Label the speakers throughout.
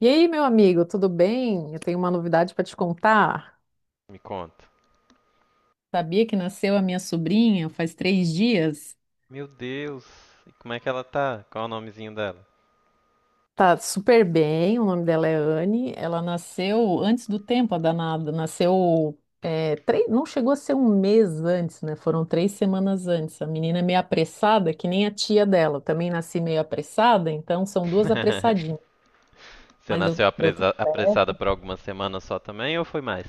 Speaker 1: E aí, meu amigo, tudo bem? Eu tenho uma novidade para te contar.
Speaker 2: Me conta.
Speaker 1: Sabia que nasceu a minha sobrinha faz três dias?
Speaker 2: Meu Deus, e como é que ela tá? Qual é o nomezinho dela?
Speaker 1: Tá super bem, o nome dela é Anne. Ela nasceu antes do tempo, a danada. Nasceu, três, não chegou a ser um mês antes, né? Foram três semanas antes. A menina é meio apressada, que nem a tia dela. Eu também nasci meio apressada, então são duas apressadinhas.
Speaker 2: Você
Speaker 1: Mas deu,
Speaker 2: nasceu
Speaker 1: deu tudo
Speaker 2: apressada
Speaker 1: certo.
Speaker 2: por algumas semanas só também ou foi mais?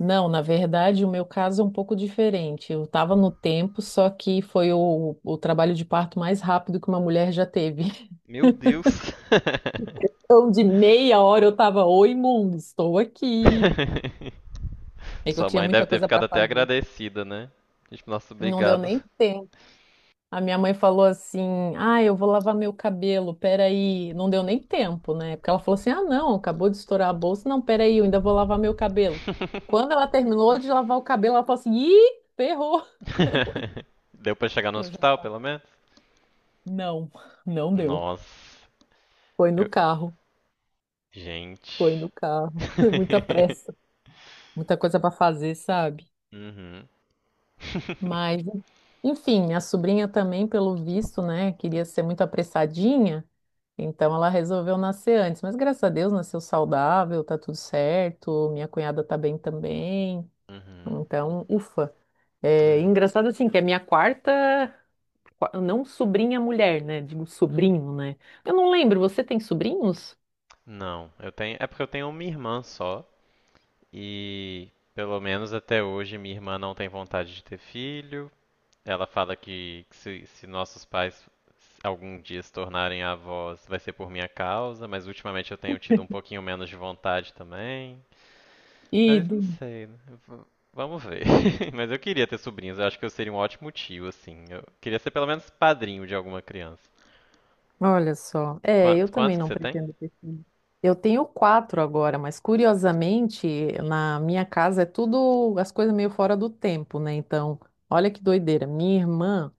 Speaker 1: Não, na verdade, o meu caso é um pouco diferente. Eu estava no tempo, só que foi o trabalho de parto mais rápido que uma mulher já teve.
Speaker 2: Meu Deus!
Speaker 1: Então, de meia hora eu estava, oi, mundo, estou aqui. É que eu
Speaker 2: Sua
Speaker 1: tinha
Speaker 2: mãe
Speaker 1: muita
Speaker 2: deve ter
Speaker 1: coisa
Speaker 2: ficado
Speaker 1: para
Speaker 2: até
Speaker 1: fazer.
Speaker 2: agradecida, né? Tipo, nossa,
Speaker 1: Não deu
Speaker 2: obrigado.
Speaker 1: nem tempo. A minha mãe falou assim: ah, eu vou lavar meu cabelo, peraí. Não deu nem tempo, né? Porque ela falou assim: ah, não, acabou de estourar a bolsa, não, peraí, eu ainda vou lavar meu cabelo. Quando ela terminou de lavar o cabelo, ela falou assim: ih, ferrou.
Speaker 2: Deu pra chegar no
Speaker 1: Eu já
Speaker 2: hospital,
Speaker 1: tá.
Speaker 2: pelo menos?
Speaker 1: Não, não deu.
Speaker 2: Nossa,
Speaker 1: Foi no
Speaker 2: eu.
Speaker 1: carro,
Speaker 2: Gente.
Speaker 1: foi no carro. Muita pressa, muita coisa para fazer, sabe?
Speaker 2: Uhum.
Speaker 1: Mas, enfim, minha sobrinha também, pelo visto, né, queria ser muito apressadinha, então ela resolveu nascer antes. Mas graças a Deus nasceu saudável, tá tudo certo. Minha cunhada tá bem também.
Speaker 2: Uhum.
Speaker 1: Então, ufa. É
Speaker 2: É.
Speaker 1: engraçado assim que é minha quarta, não sobrinha mulher, né? Digo sobrinho, né? Eu não lembro, você tem sobrinhos?
Speaker 2: Não, eu tenho. É porque eu tenho uma irmã só. E pelo menos até hoje minha irmã não tem vontade de ter filho. Ela fala que, se nossos pais algum dia se tornarem avós vai ser por minha causa, mas ultimamente eu tenho tido um pouquinho menos de vontade também.
Speaker 1: E
Speaker 2: Mas não sei, né? V- Vamos ver. Mas eu queria ter sobrinhos, eu acho que eu seria um ótimo tio, assim. Eu queria ser pelo menos padrinho de alguma criança.
Speaker 1: olha só. É, eu também
Speaker 2: Quantos que
Speaker 1: não
Speaker 2: você tem?
Speaker 1: pretendo ter filho. Eu tenho quatro agora, mas curiosamente, na minha casa é tudo as coisas meio fora do tempo, né? Então, olha que doideira. Minha irmã,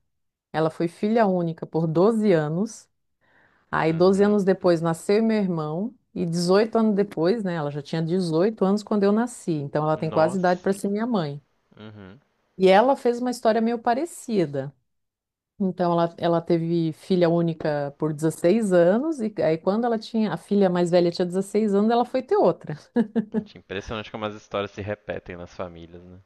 Speaker 1: ela foi filha única por 12 anos. Aí, 12
Speaker 2: Uhum.
Speaker 1: anos depois, nasceu meu irmão. E 18 anos depois, né? Ela já tinha 18 anos quando eu nasci. Então, ela tem quase idade
Speaker 2: Nossa.
Speaker 1: para ser minha mãe.
Speaker 2: Uhum.
Speaker 1: E ela fez uma história meio parecida. Então ela teve filha única por 16 anos, e aí quando ela tinha, a filha mais velha tinha 16 anos, ela foi ter outra.
Speaker 2: Gente, impressionante como as histórias se repetem nas famílias, né?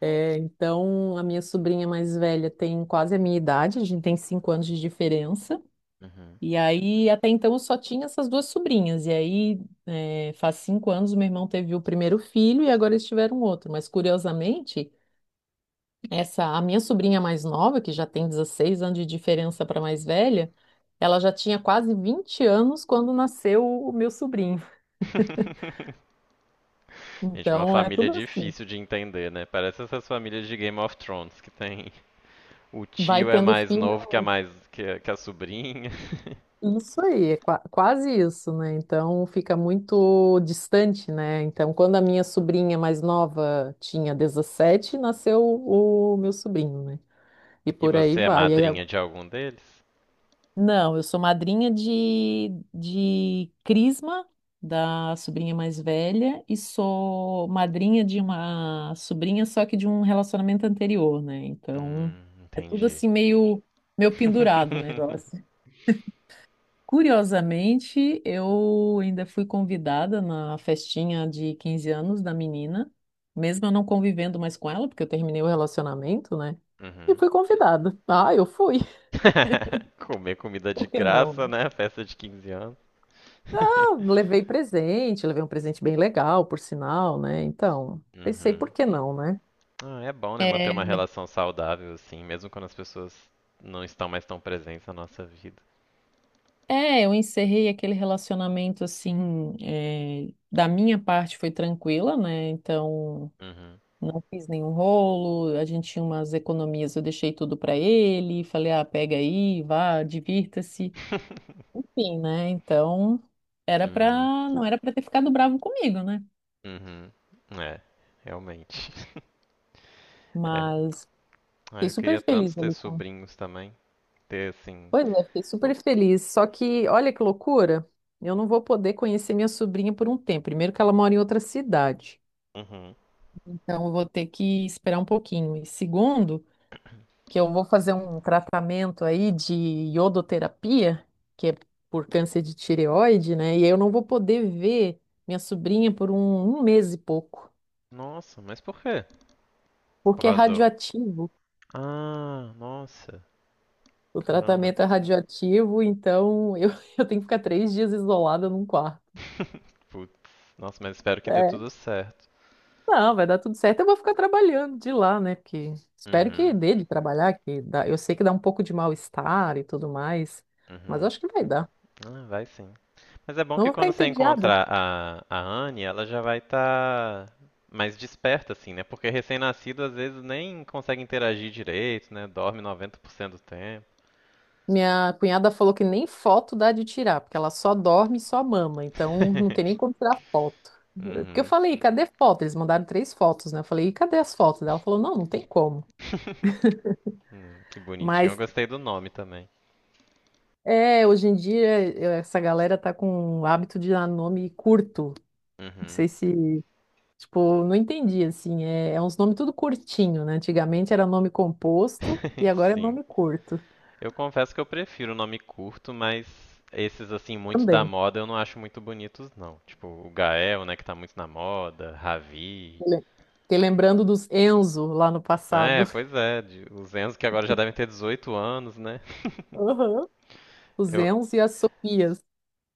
Speaker 1: É, então a minha sobrinha mais velha tem quase a minha idade, a gente tem 5 anos de diferença.
Speaker 2: Uhum.
Speaker 1: E aí até então eu só tinha essas duas sobrinhas. E aí faz cinco anos meu irmão teve o primeiro filho e agora eles tiveram outro. Mas curiosamente, essa, a minha sobrinha mais nova, que já tem 16 anos de diferença para a mais velha, ela já tinha quase 20 anos quando nasceu o meu sobrinho.
Speaker 2: Gente, uma
Speaker 1: Então é
Speaker 2: família
Speaker 1: tudo assim.
Speaker 2: difícil de entender, né? Parece essas famílias de Game of Thrones que tem o
Speaker 1: Vai
Speaker 2: tio é
Speaker 1: tendo
Speaker 2: mais
Speaker 1: filho,
Speaker 2: novo que a mais que a sobrinha.
Speaker 1: isso aí, é quase isso, né? Então fica muito distante, né? Então, quando a minha sobrinha mais nova tinha 17, nasceu o meu sobrinho, né? E
Speaker 2: E
Speaker 1: por aí
Speaker 2: você é
Speaker 1: vai.
Speaker 2: madrinha de algum deles?
Speaker 1: Não, eu sou madrinha de Crisma, da sobrinha mais velha, e sou madrinha de uma sobrinha, só que de um relacionamento anterior, né? Então, é tudo
Speaker 2: Entendi.
Speaker 1: assim meio, meio pendurado o negócio. Curiosamente, eu ainda fui convidada na festinha de 15 anos da menina, mesmo eu não convivendo mais com ela, porque eu terminei o relacionamento, né? E
Speaker 2: Uhum.
Speaker 1: fui convidada. Ah, eu fui.
Speaker 2: Comer comida de
Speaker 1: Por que
Speaker 2: graça,
Speaker 1: não?
Speaker 2: né? Festa de 15 anos.
Speaker 1: Eu levei presente, levei um presente bem legal, por sinal, né? Então, pensei, por
Speaker 2: Uhum.
Speaker 1: que não, né?
Speaker 2: Ah, é bom, né? Manter uma relação saudável assim, mesmo quando as pessoas não estão mais tão presentes na nossa vida.
Speaker 1: É, eu encerrei aquele relacionamento assim, da minha parte foi tranquila, né? Então,
Speaker 2: Uhum.
Speaker 1: não fiz nenhum rolo, a gente tinha umas economias, eu deixei tudo pra ele, falei, ah, pega aí, vá, divirta-se. Enfim, né? Então, era pra,
Speaker 2: Uhum.
Speaker 1: não era pra ter ficado bravo comigo, né?
Speaker 2: Uhum. É, realmente. É.
Speaker 1: Mas
Speaker 2: Ah,
Speaker 1: fiquei
Speaker 2: eu queria
Speaker 1: super
Speaker 2: tanto
Speaker 1: feliz
Speaker 2: ter
Speaker 1: ali com.
Speaker 2: sobrinhos também. Ter assim.
Speaker 1: Pois é, fiquei super
Speaker 2: o-
Speaker 1: feliz. Só que, olha que loucura, eu não vou poder conhecer minha sobrinha por um tempo. Primeiro, que ela mora em outra cidade,
Speaker 2: Uhum.
Speaker 1: então eu vou ter que esperar um pouquinho. E segundo, que eu vou fazer um tratamento aí de iodoterapia, que é por câncer de tireoide, né? E eu não vou poder ver minha sobrinha por um mês e pouco,
Speaker 2: Nossa, mas por quê? Por
Speaker 1: porque é
Speaker 2: causa do.
Speaker 1: radioativo.
Speaker 2: Ah, nossa.
Speaker 1: O
Speaker 2: Caramba.
Speaker 1: tratamento é radioativo, então eu, eu tenho que ficar três dias isolada num quarto.
Speaker 2: Putz. Nossa, mas espero que dê
Speaker 1: É,
Speaker 2: tudo certo.
Speaker 1: não, vai dar tudo certo. Eu vou ficar trabalhando de lá, né? Porque espero que
Speaker 2: Uhum.
Speaker 1: dê de trabalhar, que dá... eu sei que dá um pouco de mal-estar e tudo mais, mas
Speaker 2: Uhum.
Speaker 1: acho que vai dar.
Speaker 2: Ah, vai sim. Mas é bom
Speaker 1: Não
Speaker 2: que
Speaker 1: vou ficar
Speaker 2: quando você
Speaker 1: entediada.
Speaker 2: encontrar a Anne, ela já vai estar mais desperta, assim, né? Porque recém-nascido às vezes nem consegue interagir direito, né? Dorme 90% do tempo.
Speaker 1: Minha cunhada falou que nem foto dá de tirar, porque ela só dorme e só mama, então não tem nem como tirar foto. Porque eu falei, cadê foto? Eles mandaram três fotos, né? Eu falei, e cadê as fotos? Ela falou, não, não tem como.
Speaker 2: Que bonitinho. Eu
Speaker 1: Mas
Speaker 2: gostei do nome também.
Speaker 1: é, hoje em dia essa galera tá com o hábito de dar nome curto. Não
Speaker 2: Uhum.
Speaker 1: sei se tipo, não entendi, assim, é uns nomes tudo curtinho, né? Antigamente era nome composto e agora é
Speaker 2: Sim.
Speaker 1: nome curto
Speaker 2: Eu confesso que eu prefiro o nome curto, mas esses, assim, muito da
Speaker 1: também.
Speaker 2: moda eu não acho muito bonitos, não. Tipo, o Gael, né, que tá muito na moda, Ravi.
Speaker 1: Le- Fiquei lembrando dos Enzo lá no passado.
Speaker 2: É, pois é, os Enzo que agora já devem ter 18 anos, né?
Speaker 1: Aham. Os
Speaker 2: Eu,
Speaker 1: Enzo e as Sofias.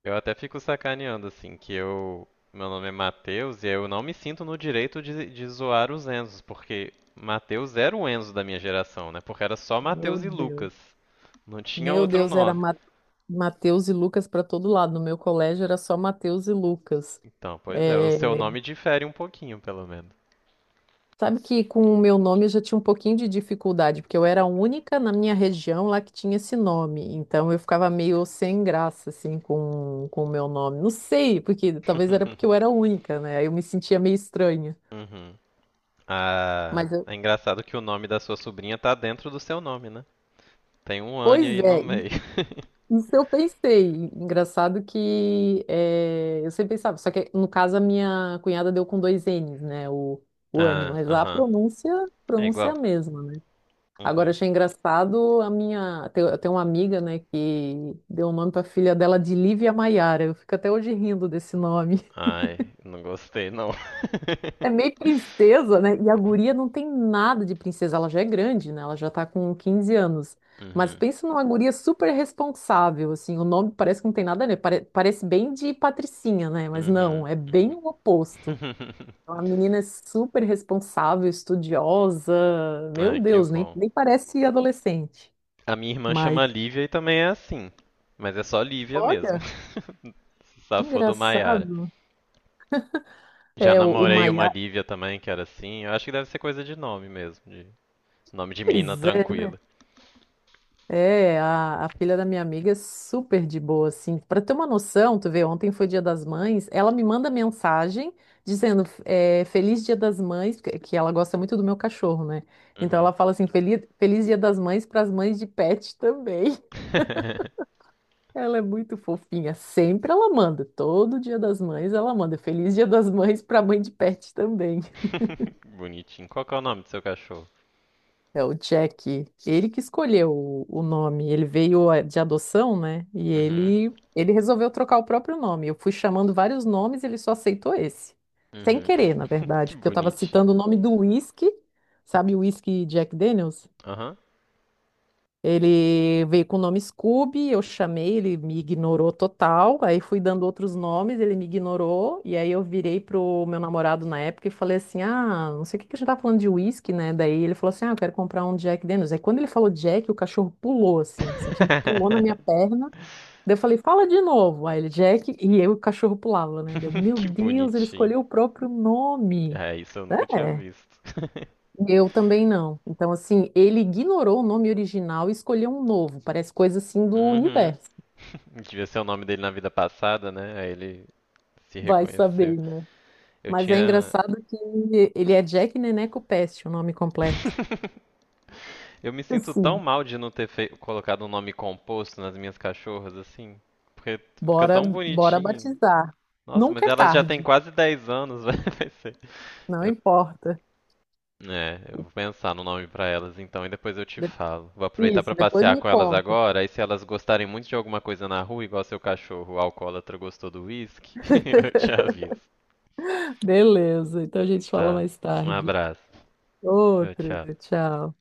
Speaker 2: eu até fico sacaneando, assim, que eu. Meu nome é Matheus e eu não me sinto no direito de zoar os Enzos, porque Matheus era o Enzo da minha geração, né? Porque era só
Speaker 1: Meu
Speaker 2: Matheus e
Speaker 1: Deus.
Speaker 2: Lucas. Não tinha
Speaker 1: Meu
Speaker 2: outro
Speaker 1: Deus, era
Speaker 2: nome.
Speaker 1: Mateus e Lucas para todo lado. No meu colégio era só Mateus e Lucas.
Speaker 2: Então, pois é, o
Speaker 1: É,
Speaker 2: seu nome difere um pouquinho, pelo menos.
Speaker 1: sabe que com o meu nome eu já tinha um pouquinho de dificuldade, porque eu era a única na minha região lá que tinha esse nome. Então eu ficava meio sem graça, assim, com o meu nome. Não sei, porque talvez era porque eu era a única, né? Aí eu me sentia meio estranha.
Speaker 2: Uhum. Ah,
Speaker 1: Mas
Speaker 2: é engraçado que o nome da sua sobrinha tá dentro do seu nome, né? Tem um Anne
Speaker 1: pois
Speaker 2: aí no
Speaker 1: é,
Speaker 2: meio.
Speaker 1: isso eu pensei. Engraçado que eu sempre pensava, só que no caso a minha cunhada deu com dois N's, né? O Anne,
Speaker 2: Ah,
Speaker 1: mas lá a
Speaker 2: aham.
Speaker 1: pronúncia,
Speaker 2: É
Speaker 1: pronúncia é a
Speaker 2: igual.
Speaker 1: mesma. Agora,
Speaker 2: Uhum.
Speaker 1: achei engraçado a minha. Eu tenho uma amiga, né, que deu o nome para filha dela de Lívia Maiara. Eu fico até hoje rindo desse nome.
Speaker 2: Ai, não gostei não.
Speaker 1: É meio princesa, né? E a guria não tem nada de princesa. Ela já é grande, né? Ela já tá com 15 anos. Mas
Speaker 2: Uhum.
Speaker 1: pensa numa guria super responsável, assim. O nome parece que não tem nada a ver. Parece bem de patricinha, né? Mas não,
Speaker 2: Uhum.
Speaker 1: é bem o oposto. É uma menina super responsável, estudiosa.
Speaker 2: Ai,
Speaker 1: Meu
Speaker 2: que
Speaker 1: Deus,
Speaker 2: bom.
Speaker 1: nem parece adolescente.
Speaker 2: A minha irmã
Speaker 1: Mas.
Speaker 2: chama Lívia e também é assim. Mas é só Lívia mesmo.
Speaker 1: Olha.
Speaker 2: Se safou do Maiara.
Speaker 1: Engraçado.
Speaker 2: Já
Speaker 1: É, o
Speaker 2: namorei uma
Speaker 1: Maiá,
Speaker 2: Lívia também, que era assim. Eu acho que deve ser coisa de nome mesmo, de nome de menina
Speaker 1: pois é,
Speaker 2: tranquila.
Speaker 1: é a filha da minha amiga é super de boa, assim. Para ter uma noção, tu vê, ontem foi Dia das Mães, ela me manda mensagem dizendo é, Feliz Dia das Mães, que ela gosta muito do meu cachorro, né? Então
Speaker 2: Uhum.
Speaker 1: ela fala assim, Feliz Dia das Mães para as mães de pet também. Ela é muito fofinha, sempre ela manda, todo Dia das Mães ela manda Feliz Dia das Mães para mãe de pet também.
Speaker 2: Bonitinho. Qual que é o nome do seu cachorro?
Speaker 1: É o Jack, ele que escolheu o nome, ele veio de adoção, né? E
Speaker 2: Uhum.
Speaker 1: ele resolveu trocar o próprio nome. Eu fui chamando vários nomes, e ele só aceitou esse. Sem
Speaker 2: Uhum.
Speaker 1: querer, na verdade, porque eu estava
Speaker 2: Boni...
Speaker 1: citando o nome do whisky, sabe o whisky Jack Daniels?
Speaker 2: Aham.
Speaker 1: Ele veio com o nome Scooby, eu chamei, ele me ignorou total. Aí fui dando outros nomes, ele me ignorou. E aí eu virei pro meu namorado na época e falei assim: ah, não sei o que a gente tá falando de uísque, né? Daí ele falou assim: ah, eu quero comprar um Jack Daniels. Aí quando ele falou Jack, o cachorro pulou, assim, simplesmente pulou na minha perna. Daí eu falei: fala de novo. Aí ele, Jack, e eu, o cachorro pulava, né? Deu, meu
Speaker 2: Que
Speaker 1: Deus, ele
Speaker 2: bonitinho.
Speaker 1: escolheu o próprio nome.
Speaker 2: É, isso eu nunca tinha
Speaker 1: É.
Speaker 2: visto.
Speaker 1: Eu também não. Então, assim, ele ignorou o nome original e escolheu um novo. Parece coisa assim do
Speaker 2: Uhum.
Speaker 1: universo.
Speaker 2: Devia ser o nome dele na vida passada, né? Aí ele se
Speaker 1: Vai
Speaker 2: reconheceu.
Speaker 1: saber, né?
Speaker 2: Eu
Speaker 1: Mas é
Speaker 2: tinha.
Speaker 1: engraçado que ele é Jack Neneco Peste, o nome completo.
Speaker 2: Eu me sinto tão
Speaker 1: Assim,
Speaker 2: mal de não ter colocado um nome composto nas minhas cachorras, assim. Porque fica tão
Speaker 1: bora
Speaker 2: bonitinho.
Speaker 1: batizar.
Speaker 2: Nossa,
Speaker 1: Nunca
Speaker 2: mas
Speaker 1: é
Speaker 2: elas já têm
Speaker 1: tarde,
Speaker 2: quase 10 anos, vai ser-
Speaker 1: não
Speaker 2: eu,
Speaker 1: importa.
Speaker 2: é, eu vou pensar no nome pra elas então e depois eu te
Speaker 1: De-
Speaker 2: falo. Vou aproveitar pra
Speaker 1: Isso, depois
Speaker 2: passear
Speaker 1: me
Speaker 2: com elas
Speaker 1: conta.
Speaker 2: agora, aí se elas gostarem muito de alguma coisa na rua, igual seu cachorro, o alcoólatra gostou do whisky, eu te aviso.
Speaker 1: Beleza, então a gente fala
Speaker 2: Tá.
Speaker 1: mais
Speaker 2: Um
Speaker 1: tarde.
Speaker 2: abraço. Tchau,
Speaker 1: Outro,
Speaker 2: tchau.
Speaker 1: tchau.